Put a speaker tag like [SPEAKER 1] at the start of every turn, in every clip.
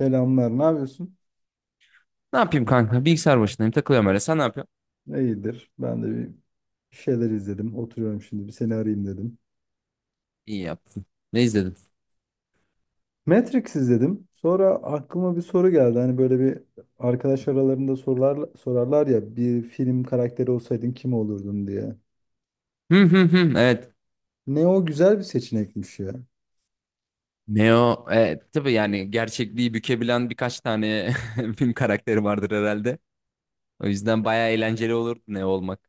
[SPEAKER 1] Selamlar, ne yapıyorsun?
[SPEAKER 2] Ne yapayım kanka? Bilgisayar başındayım. Takılıyorum öyle. Sen ne yapıyorsun?
[SPEAKER 1] İyidir. Ben de bir şeyler izledim. Oturuyorum şimdi, bir seni arayayım dedim.
[SPEAKER 2] İyi yaptın. Ne izledin?
[SPEAKER 1] Matrix izledim. Sonra aklıma bir soru geldi. Hani böyle bir arkadaş aralarında sorular, sorarlar ya, bir film karakteri olsaydın kim olurdun diye.
[SPEAKER 2] Hı hı hı. Evet.
[SPEAKER 1] Ne o, güzel bir seçenekmiş ya.
[SPEAKER 2] Neo. Evet. Tabii yani gerçekliği bükebilen birkaç tane film karakteri vardır herhalde. O yüzden bayağı eğlenceli olur Neo olmak.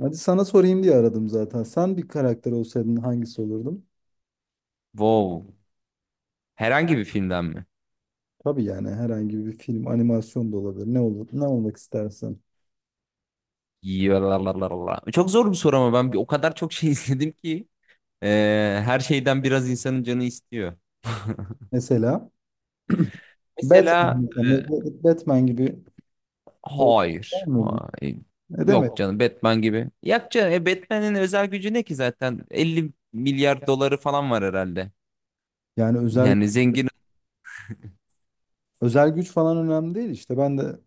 [SPEAKER 1] Hadi sana sorayım diye aradım zaten. Sen bir karakter olsaydın hangisi olurdun?
[SPEAKER 2] Wow. Herhangi bir filmden mi?
[SPEAKER 1] Tabii yani herhangi bir film, animasyon da olabilir. Ne olur, ne olmak istersin?
[SPEAKER 2] Yalalalalala. Çok zor bir soru ama o kadar çok şey izledim ki e, her şeyden biraz insanın canı istiyor.
[SPEAKER 1] Mesela
[SPEAKER 2] Mesela
[SPEAKER 1] Batman, mesela Batman gibi olmak ister
[SPEAKER 2] Hayır.
[SPEAKER 1] miydin?
[SPEAKER 2] Hayır.
[SPEAKER 1] Ne demek?
[SPEAKER 2] Yok canım Batman gibi. Yok canım Batman'in özel gücü ne ki zaten? 50 milyar doları falan var herhalde.
[SPEAKER 1] Yani özel
[SPEAKER 2] Yani zengin.
[SPEAKER 1] özel güç falan önemli değil işte. Ben de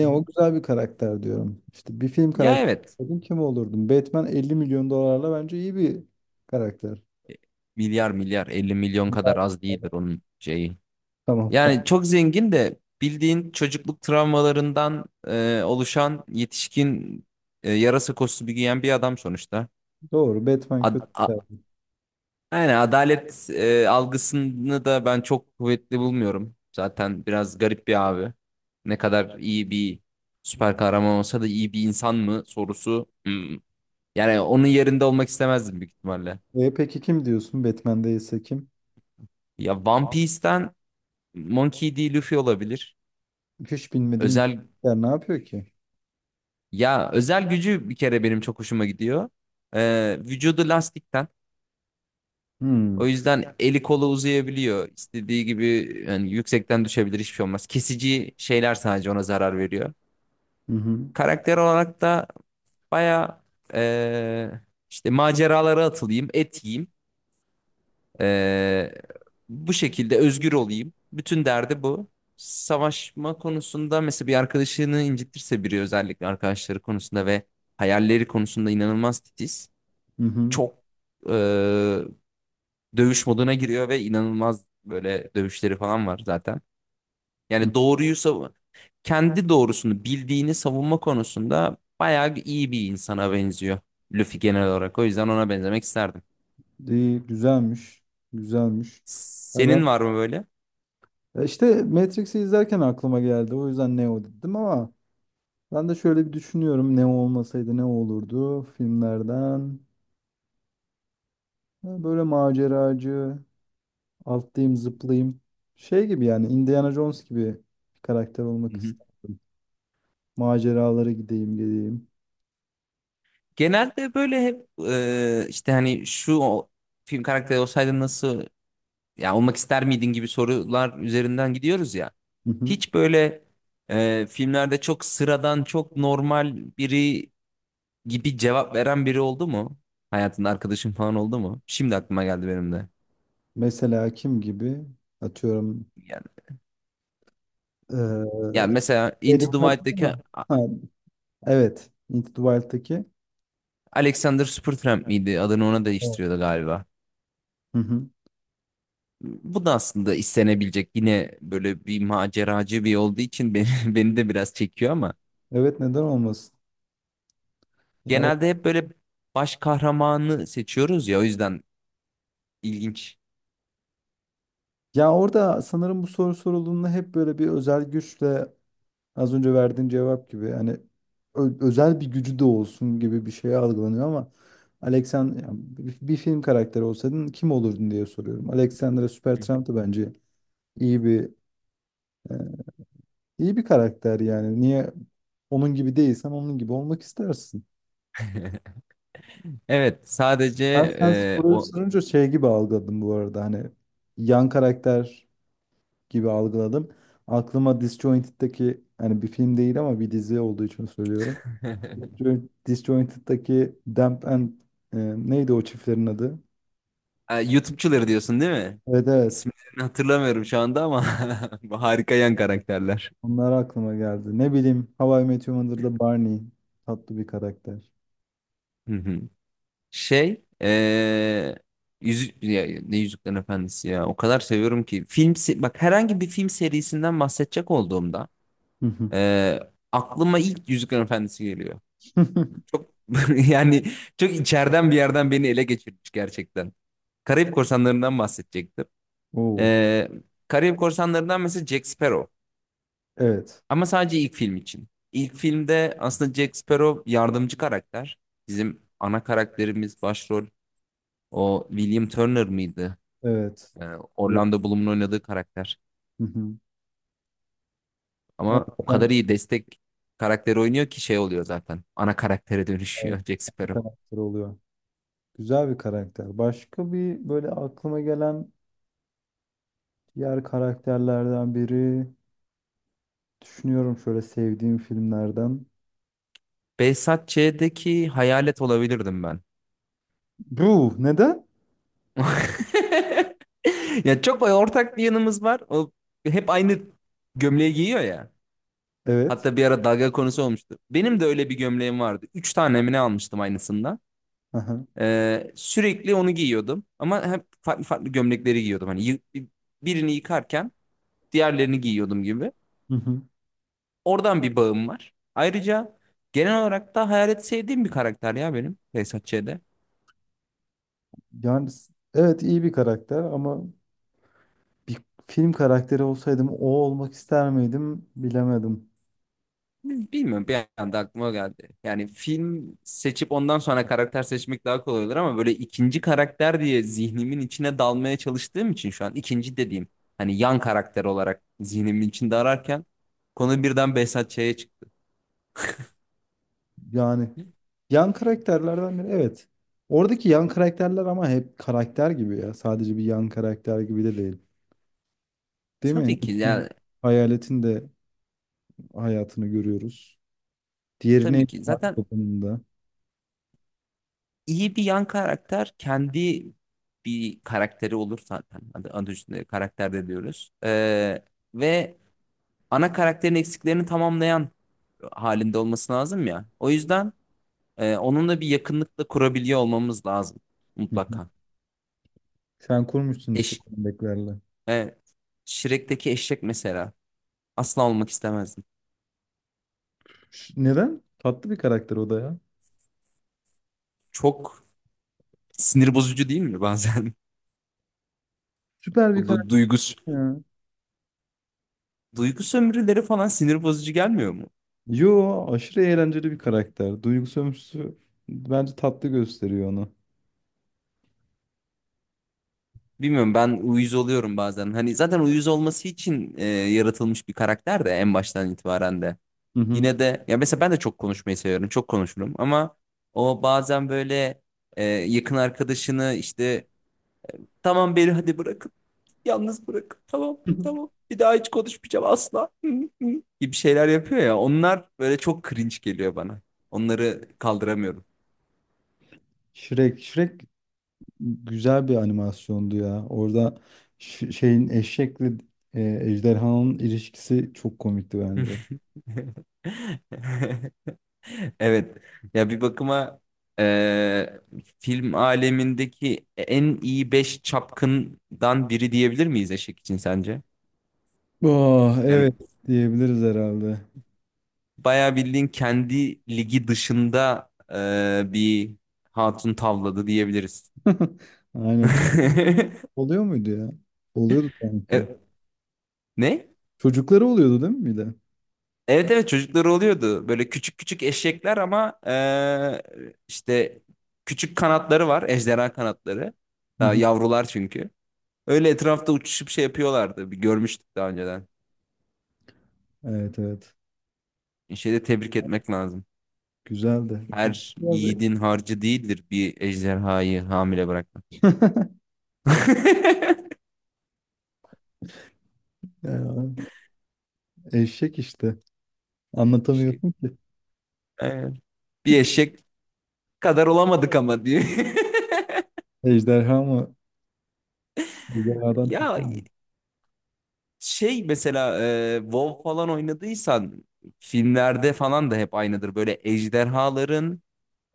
[SPEAKER 2] Hı hı.
[SPEAKER 1] o, güzel bir karakter diyorum. İşte bir film
[SPEAKER 2] Ya
[SPEAKER 1] karakteri
[SPEAKER 2] evet.
[SPEAKER 1] olsaydım kim olurdum? Batman 50 milyon dolarla bence iyi bir karakter.
[SPEAKER 2] Milyar milyar 50 milyon kadar
[SPEAKER 1] Bunlar-
[SPEAKER 2] az değildir onun şeyi.
[SPEAKER 1] Tamam, tamam.
[SPEAKER 2] Yani çok zengin de bildiğin çocukluk travmalarından oluşan yetişkin yarasa kostümü giyen bir adam sonuçta.
[SPEAKER 1] Doğru. Batman
[SPEAKER 2] Ad-
[SPEAKER 1] kötü bir karakter.
[SPEAKER 2] Yani adalet algısını da ben çok kuvvetli bulmuyorum. Zaten biraz garip bir abi. Ne kadar iyi bir süper kahraman olsa da iyi bir insan mı sorusu. Hmm. Yani onun yerinde olmak istemezdim büyük ihtimalle.
[SPEAKER 1] Peki kim diyorsun? Batman değilse kim?
[SPEAKER 2] Ya One Piece'ten Monkey D. Luffy olabilir.
[SPEAKER 1] Hiç bilmediğim bir
[SPEAKER 2] Özel
[SPEAKER 1] karakter ne yapıyor ki?
[SPEAKER 2] Ya özel gücü bir kere benim çok hoşuma gidiyor. Vücudu lastikten.
[SPEAKER 1] Hmm.
[SPEAKER 2] O yüzden eli kolu uzayabiliyor. İstediği gibi yani yüksekten düşebilir hiçbir şey olmaz. Kesici şeyler sadece ona zarar veriyor.
[SPEAKER 1] Hı hı.
[SPEAKER 2] Karakter olarak da baya eee, işte maceralara atılayım, et yiyeyim. Eee, Bu şekilde özgür olayım. Bütün derdi bu. Savaşma konusunda mesela bir arkadaşını incitirse biri özellikle arkadaşları konusunda ve hayalleri konusunda inanılmaz titiz.
[SPEAKER 1] Hı hı.
[SPEAKER 2] Çok eee, dövüş moduna giriyor ve inanılmaz böyle dövüşleri falan var zaten.
[SPEAKER 1] Hı.
[SPEAKER 2] Yani doğruyu savun kendi doğrusunu bildiğini savunma konusunda bayağı iyi bir insana benziyor Luffy genel olarak. O yüzden ona benzemek isterdim.
[SPEAKER 1] İyi, güzelmiş. Güzelmiş. Ya ben,
[SPEAKER 2] Senin var mı böyle?
[SPEAKER 1] ya işte Matrix'i izlerken aklıma geldi. O yüzden Neo dedim ama ben de şöyle bir düşünüyorum, ne olmasaydı ne olurdu filmlerden. Ya böyle maceracı, atlayayım zıplayayım. Şey gibi yani, Indiana Jones gibi bir karakter
[SPEAKER 2] Hı
[SPEAKER 1] olmak
[SPEAKER 2] hı.
[SPEAKER 1] isterdim. Maceralara gideyim geleyim.
[SPEAKER 2] Genelde böyle hep işte hani şu film karakteri olsaydın nasıl ya olmak ister miydin gibi sorular üzerinden gidiyoruz ya.
[SPEAKER 1] Hı hı.
[SPEAKER 2] Hiç böyle filmlerde çok sıradan çok normal biri gibi cevap veren biri oldu mu? Hayatında arkadaşın falan oldu mu? Şimdi aklıma geldi benim de.
[SPEAKER 1] Mesela kim gibi? Atıyorum.
[SPEAKER 2] Yani ya
[SPEAKER 1] eee
[SPEAKER 2] mesela Into
[SPEAKER 1] Şeydeki,
[SPEAKER 2] the
[SPEAKER 1] hatırlıyor
[SPEAKER 2] Wild'deki
[SPEAKER 1] musun? Ha, evet. Into the Wild'daki.
[SPEAKER 2] Alexander Supertramp miydi? Adını ona
[SPEAKER 1] Evet.
[SPEAKER 2] değiştiriyordu galiba.
[SPEAKER 1] Hı hı.
[SPEAKER 2] Bu da aslında istenebilecek yine böyle bir maceracı bir olduğu için beni, beni de biraz çekiyor ama
[SPEAKER 1] Evet, neden olmasın? Ya, o-
[SPEAKER 2] genelde hep böyle baş kahramanı seçiyoruz ya o yüzden ilginç.
[SPEAKER 1] Ya orada sanırım bu soru sorulduğunda hep böyle bir özel güçle, az önce verdiğin cevap gibi hani, özel bir gücü de olsun gibi bir şey algılanıyor ama Alexander yani, bir film karakteri olsaydın kim olurdun diye soruyorum. Alexandra Supertramp da bence iyi bir, e, iyi bir karakter yani. Niye onun gibi değilsen, onun gibi olmak istersin.
[SPEAKER 2] Evet sadece
[SPEAKER 1] Ben sen soruyu
[SPEAKER 2] o
[SPEAKER 1] sorunca şey gibi algıladım bu arada, hani yan karakter gibi algıladım. Aklıma Disjointed'deki, hani bir film değil ama bir dizi olduğu için söylüyorum. Disjointed'daki Damp and, neydi o çiftlerin adı?
[SPEAKER 2] Ha, YouTube'çuları diyorsun değil mi?
[SPEAKER 1] Evet evet.
[SPEAKER 2] İsimlerini hatırlamıyorum şu anda ama bu harika yan karakterler.
[SPEAKER 1] Onlar aklıma geldi. Ne bileyim, How I Met Your Mother'da Barney tatlı bir karakter.
[SPEAKER 2] Şey, yüzük ya, ne Yüzüklerin Efendisi ya. O kadar seviyorum ki bak herhangi bir film serisinden bahsedecek olduğumda
[SPEAKER 1] Hı hı.
[SPEAKER 2] eee, aklıma ilk Yüzüklerin Efendisi geliyor. Çok yani çok içeriden bir yerden beni ele geçirmiş gerçekten. Karayip Korsanları'ndan bahsedecektim.
[SPEAKER 1] Oo.
[SPEAKER 2] Eee Karayip Korsanları'ndan mesela Jack Sparrow.
[SPEAKER 1] Evet.
[SPEAKER 2] Ama sadece ilk film için. İlk filmde aslında Jack Sparrow yardımcı karakter. Bizim ana karakterimiz başrol. O William Turner mıydı?
[SPEAKER 1] Evet.
[SPEAKER 2] Ee,
[SPEAKER 1] Dur.
[SPEAKER 2] Orlando Bloom'un oynadığı karakter.
[SPEAKER 1] Hı hı. Evet,
[SPEAKER 2] Ama o
[SPEAKER 1] ben-
[SPEAKER 2] kadar iyi destek karakteri oynuyor ki şey oluyor zaten. Ana karaktere
[SPEAKER 1] evet,
[SPEAKER 2] dönüşüyor Jack
[SPEAKER 1] bir
[SPEAKER 2] Sparrow.
[SPEAKER 1] karakter oluyor. Güzel bir karakter. Başka bir, böyle aklıma gelen diğer karakterlerden biri, düşünüyorum şöyle sevdiğim filmlerden.
[SPEAKER 2] Behzat Ç'deki hayalet olabilirdim ben.
[SPEAKER 1] Bu neden?
[SPEAKER 2] Ya çok ortak bir yanımız var. O hep aynı gömleği giyiyor ya.
[SPEAKER 1] Evet.
[SPEAKER 2] Hatta bir ara dalga konusu olmuştu. Benim de öyle bir gömleğim vardı. Üç tane mi ne almıştım aynısından.
[SPEAKER 1] Aha.
[SPEAKER 2] Sürekli onu giyiyordum. Ama hep farklı farklı gömlekleri giyiyordum. Hani birini yıkarken diğerlerini giyiyordum gibi. Oradan bir bağım var. Ayrıca genel olarak da Hayalet sevdiğim bir karakter ya benim Behzat Ç'de.
[SPEAKER 1] Yani evet, iyi bir karakter ama bir film karakteri olsaydım o olmak ister miydim bilemedim.
[SPEAKER 2] Bilmiyorum bir anda aklıma geldi. Yani film seçip ondan sonra karakter seçmek daha kolay olur ama böyle ikinci karakter diye zihnimin içine dalmaya çalıştığım için şu an ikinci dediğim hani yan karakter olarak zihnimin içinde ararken konu birden Behzat Ç'ye çıktı.
[SPEAKER 1] Yani yan karakterlerden biri, evet. Oradaki yan karakterler ama hep karakter gibi ya. Sadece bir yan karakter gibi de değil. Değil mi?
[SPEAKER 2] Tabii ki
[SPEAKER 1] Hepsinin,
[SPEAKER 2] yani
[SPEAKER 1] Hayaletin de hayatını görüyoruz.
[SPEAKER 2] tabii
[SPEAKER 1] Diğerine
[SPEAKER 2] ki zaten
[SPEAKER 1] da.
[SPEAKER 2] İyi bir yan karakter kendi bir karakteri olur zaten. Adı üstünde karakter de diyoruz. Ve ana karakterin eksiklerini tamamlayan halinde olması lazım ya. O yüzden onunla bir yakınlıkla kurabiliyor olmamız lazım mutlaka.
[SPEAKER 1] Sen kurmuşsun işte
[SPEAKER 2] Eş,
[SPEAKER 1] Bekler'le.
[SPEAKER 2] e, Shrek'teki eşek mesela asla olmak istemezdim.
[SPEAKER 1] Neden? Tatlı bir karakter o da ya.
[SPEAKER 2] Çok sinir bozucu değil mi bazen?
[SPEAKER 1] Süper
[SPEAKER 2] O
[SPEAKER 1] bir
[SPEAKER 2] du
[SPEAKER 1] karakter
[SPEAKER 2] duygus
[SPEAKER 1] ya.
[SPEAKER 2] duygu sömürüleri falan sinir bozucu gelmiyor mu?
[SPEAKER 1] Yo, aşırı eğlenceli bir karakter. Duygusu ömrüsü bence tatlı gösteriyor onu.
[SPEAKER 2] Bilmiyorum ben uyuz oluyorum bazen. Hani zaten uyuz olması için yaratılmış bir karakter de en baştan itibaren de.
[SPEAKER 1] Hı hı.
[SPEAKER 2] Yine de ya mesela ben de çok konuşmayı seviyorum. Çok konuşurum ama o bazen böyle yakın arkadaşını işte tamam beni hadi bırakın. Yalnız bırakın. Tamam tamam. Bir daha hiç konuşmayacağım asla. Hı, hı gibi şeyler yapıyor ya. Onlar böyle çok cringe geliyor bana. Onları kaldıramıyorum.
[SPEAKER 1] Shrek. Shrek güzel bir animasyondu ya. Orada şeyin, eşekle, ejderhanın ilişkisi çok komikti bence.
[SPEAKER 2] Evet. Ya bir bakıma eee, film alemindeki en iyi 5 çapkından biri diyebilir miyiz Eşek için sence?
[SPEAKER 1] Oh, evet,
[SPEAKER 2] Yani
[SPEAKER 1] diyebiliriz herhalde.
[SPEAKER 2] bayağı bildiğin kendi ligi dışında bir hatun tavladı diyebiliriz.
[SPEAKER 1] Aynen, çok oluyor muydu ya? Oluyordu
[SPEAKER 2] E,
[SPEAKER 1] sanki.
[SPEAKER 2] ne?
[SPEAKER 1] Çocukları oluyordu değil mi bir de?
[SPEAKER 2] Evet evet çocukları oluyordu. Böyle küçük küçük eşekler ama işte küçük kanatları var. Ejderha kanatları.
[SPEAKER 1] Hı
[SPEAKER 2] Daha
[SPEAKER 1] hı.
[SPEAKER 2] yavrular çünkü. Öyle etrafta uçuşup şey yapıyorlardı. Bir görmüştük daha önceden.
[SPEAKER 1] Evet evet.
[SPEAKER 2] Şeyde tebrik etmek lazım.
[SPEAKER 1] Güzeldi.
[SPEAKER 2] Her yiğidin harcı değildir bir ejderhayı hamile bırakmak.
[SPEAKER 1] Ya, eşek işte.
[SPEAKER 2] Eşek.
[SPEAKER 1] Anlatamıyorum ki.
[SPEAKER 2] Aynen. Bir eşek kadar olamadık ama diye.
[SPEAKER 1] Ejderha mı? Ejderhadan tuttu
[SPEAKER 2] Ya
[SPEAKER 1] mu?
[SPEAKER 2] şey mesela WoW falan oynadıysan filmlerde falan da hep aynıdır. Böyle ejderhaların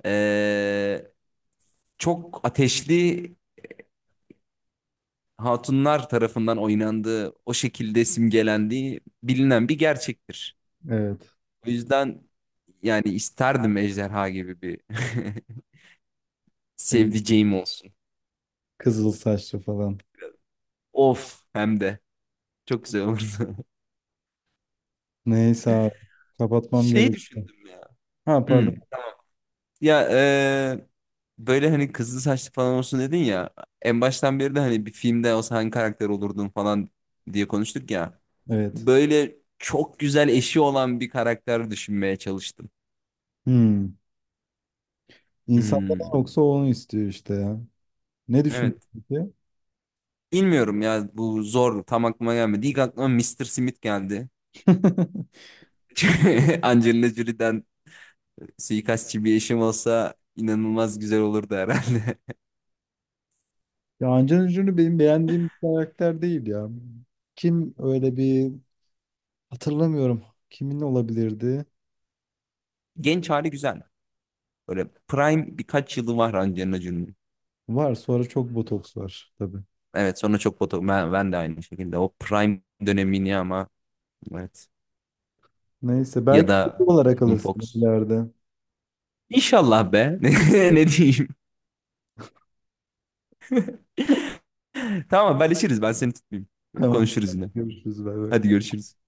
[SPEAKER 2] e, çok ateşli hatunlar tarafından oynandığı, o şekilde simgelendiği bilinen bir gerçektir.
[SPEAKER 1] Evet.
[SPEAKER 2] O yüzden yani isterdim ejderha gibi bir
[SPEAKER 1] E,
[SPEAKER 2] sevdiceğim olsun.
[SPEAKER 1] Kızıl saçlı falan.
[SPEAKER 2] Of hem de çok güzel olurdu.
[SPEAKER 1] Neyse abi. Kapatmam
[SPEAKER 2] Şey
[SPEAKER 1] gerekiyor.
[SPEAKER 2] düşündüm ya.
[SPEAKER 1] Ha,
[SPEAKER 2] Hmm.
[SPEAKER 1] pardon.
[SPEAKER 2] Ya böyle hani kızıl saçlı falan olsun dedin ya. En baştan beri de hani bir filmde olsa hangi karakter olurdun falan diye konuştuk ya.
[SPEAKER 1] Evet.
[SPEAKER 2] Böyle çok güzel eşi olan bir karakter düşünmeye çalıştım.
[SPEAKER 1] Hmm. İnsanlardan
[SPEAKER 2] Hmm.
[SPEAKER 1] yoksa onu istiyor işte ya. Ne düşündün
[SPEAKER 2] Evet.
[SPEAKER 1] peki?
[SPEAKER 2] Bilmiyorum ya bu zor tam aklıma gelmedi. İlk aklıma Mister Smith geldi. Angelina Jolie'den suikastçı bir eşim olsa inanılmaz güzel olurdu herhalde.
[SPEAKER 1] Ya Angelina Jolie benim beğendiğim bir karakter değil ya. Kim öyle bir, hatırlamıyorum. Kimin olabilirdi?
[SPEAKER 2] Genç hali güzel. Böyle prime birkaç yılı var Angelina Jolie'nin.
[SPEAKER 1] Var, sonra çok botoks var tabii.
[SPEAKER 2] Evet sonra çok ben de aynı şekilde o prime dönemini ama evet
[SPEAKER 1] Neyse,
[SPEAKER 2] ya
[SPEAKER 1] belki
[SPEAKER 2] da
[SPEAKER 1] olarak
[SPEAKER 2] Megan
[SPEAKER 1] alırsın
[SPEAKER 2] Fox.
[SPEAKER 1] ileride.
[SPEAKER 2] İnşallah be. Ne diyeyim. Tamam haberleşiriz ben seni tutmayayım.
[SPEAKER 1] Tamam.
[SPEAKER 2] Konuşuruz yine.
[SPEAKER 1] Görüşürüz. Bay bay.
[SPEAKER 2] Hadi görüşürüz.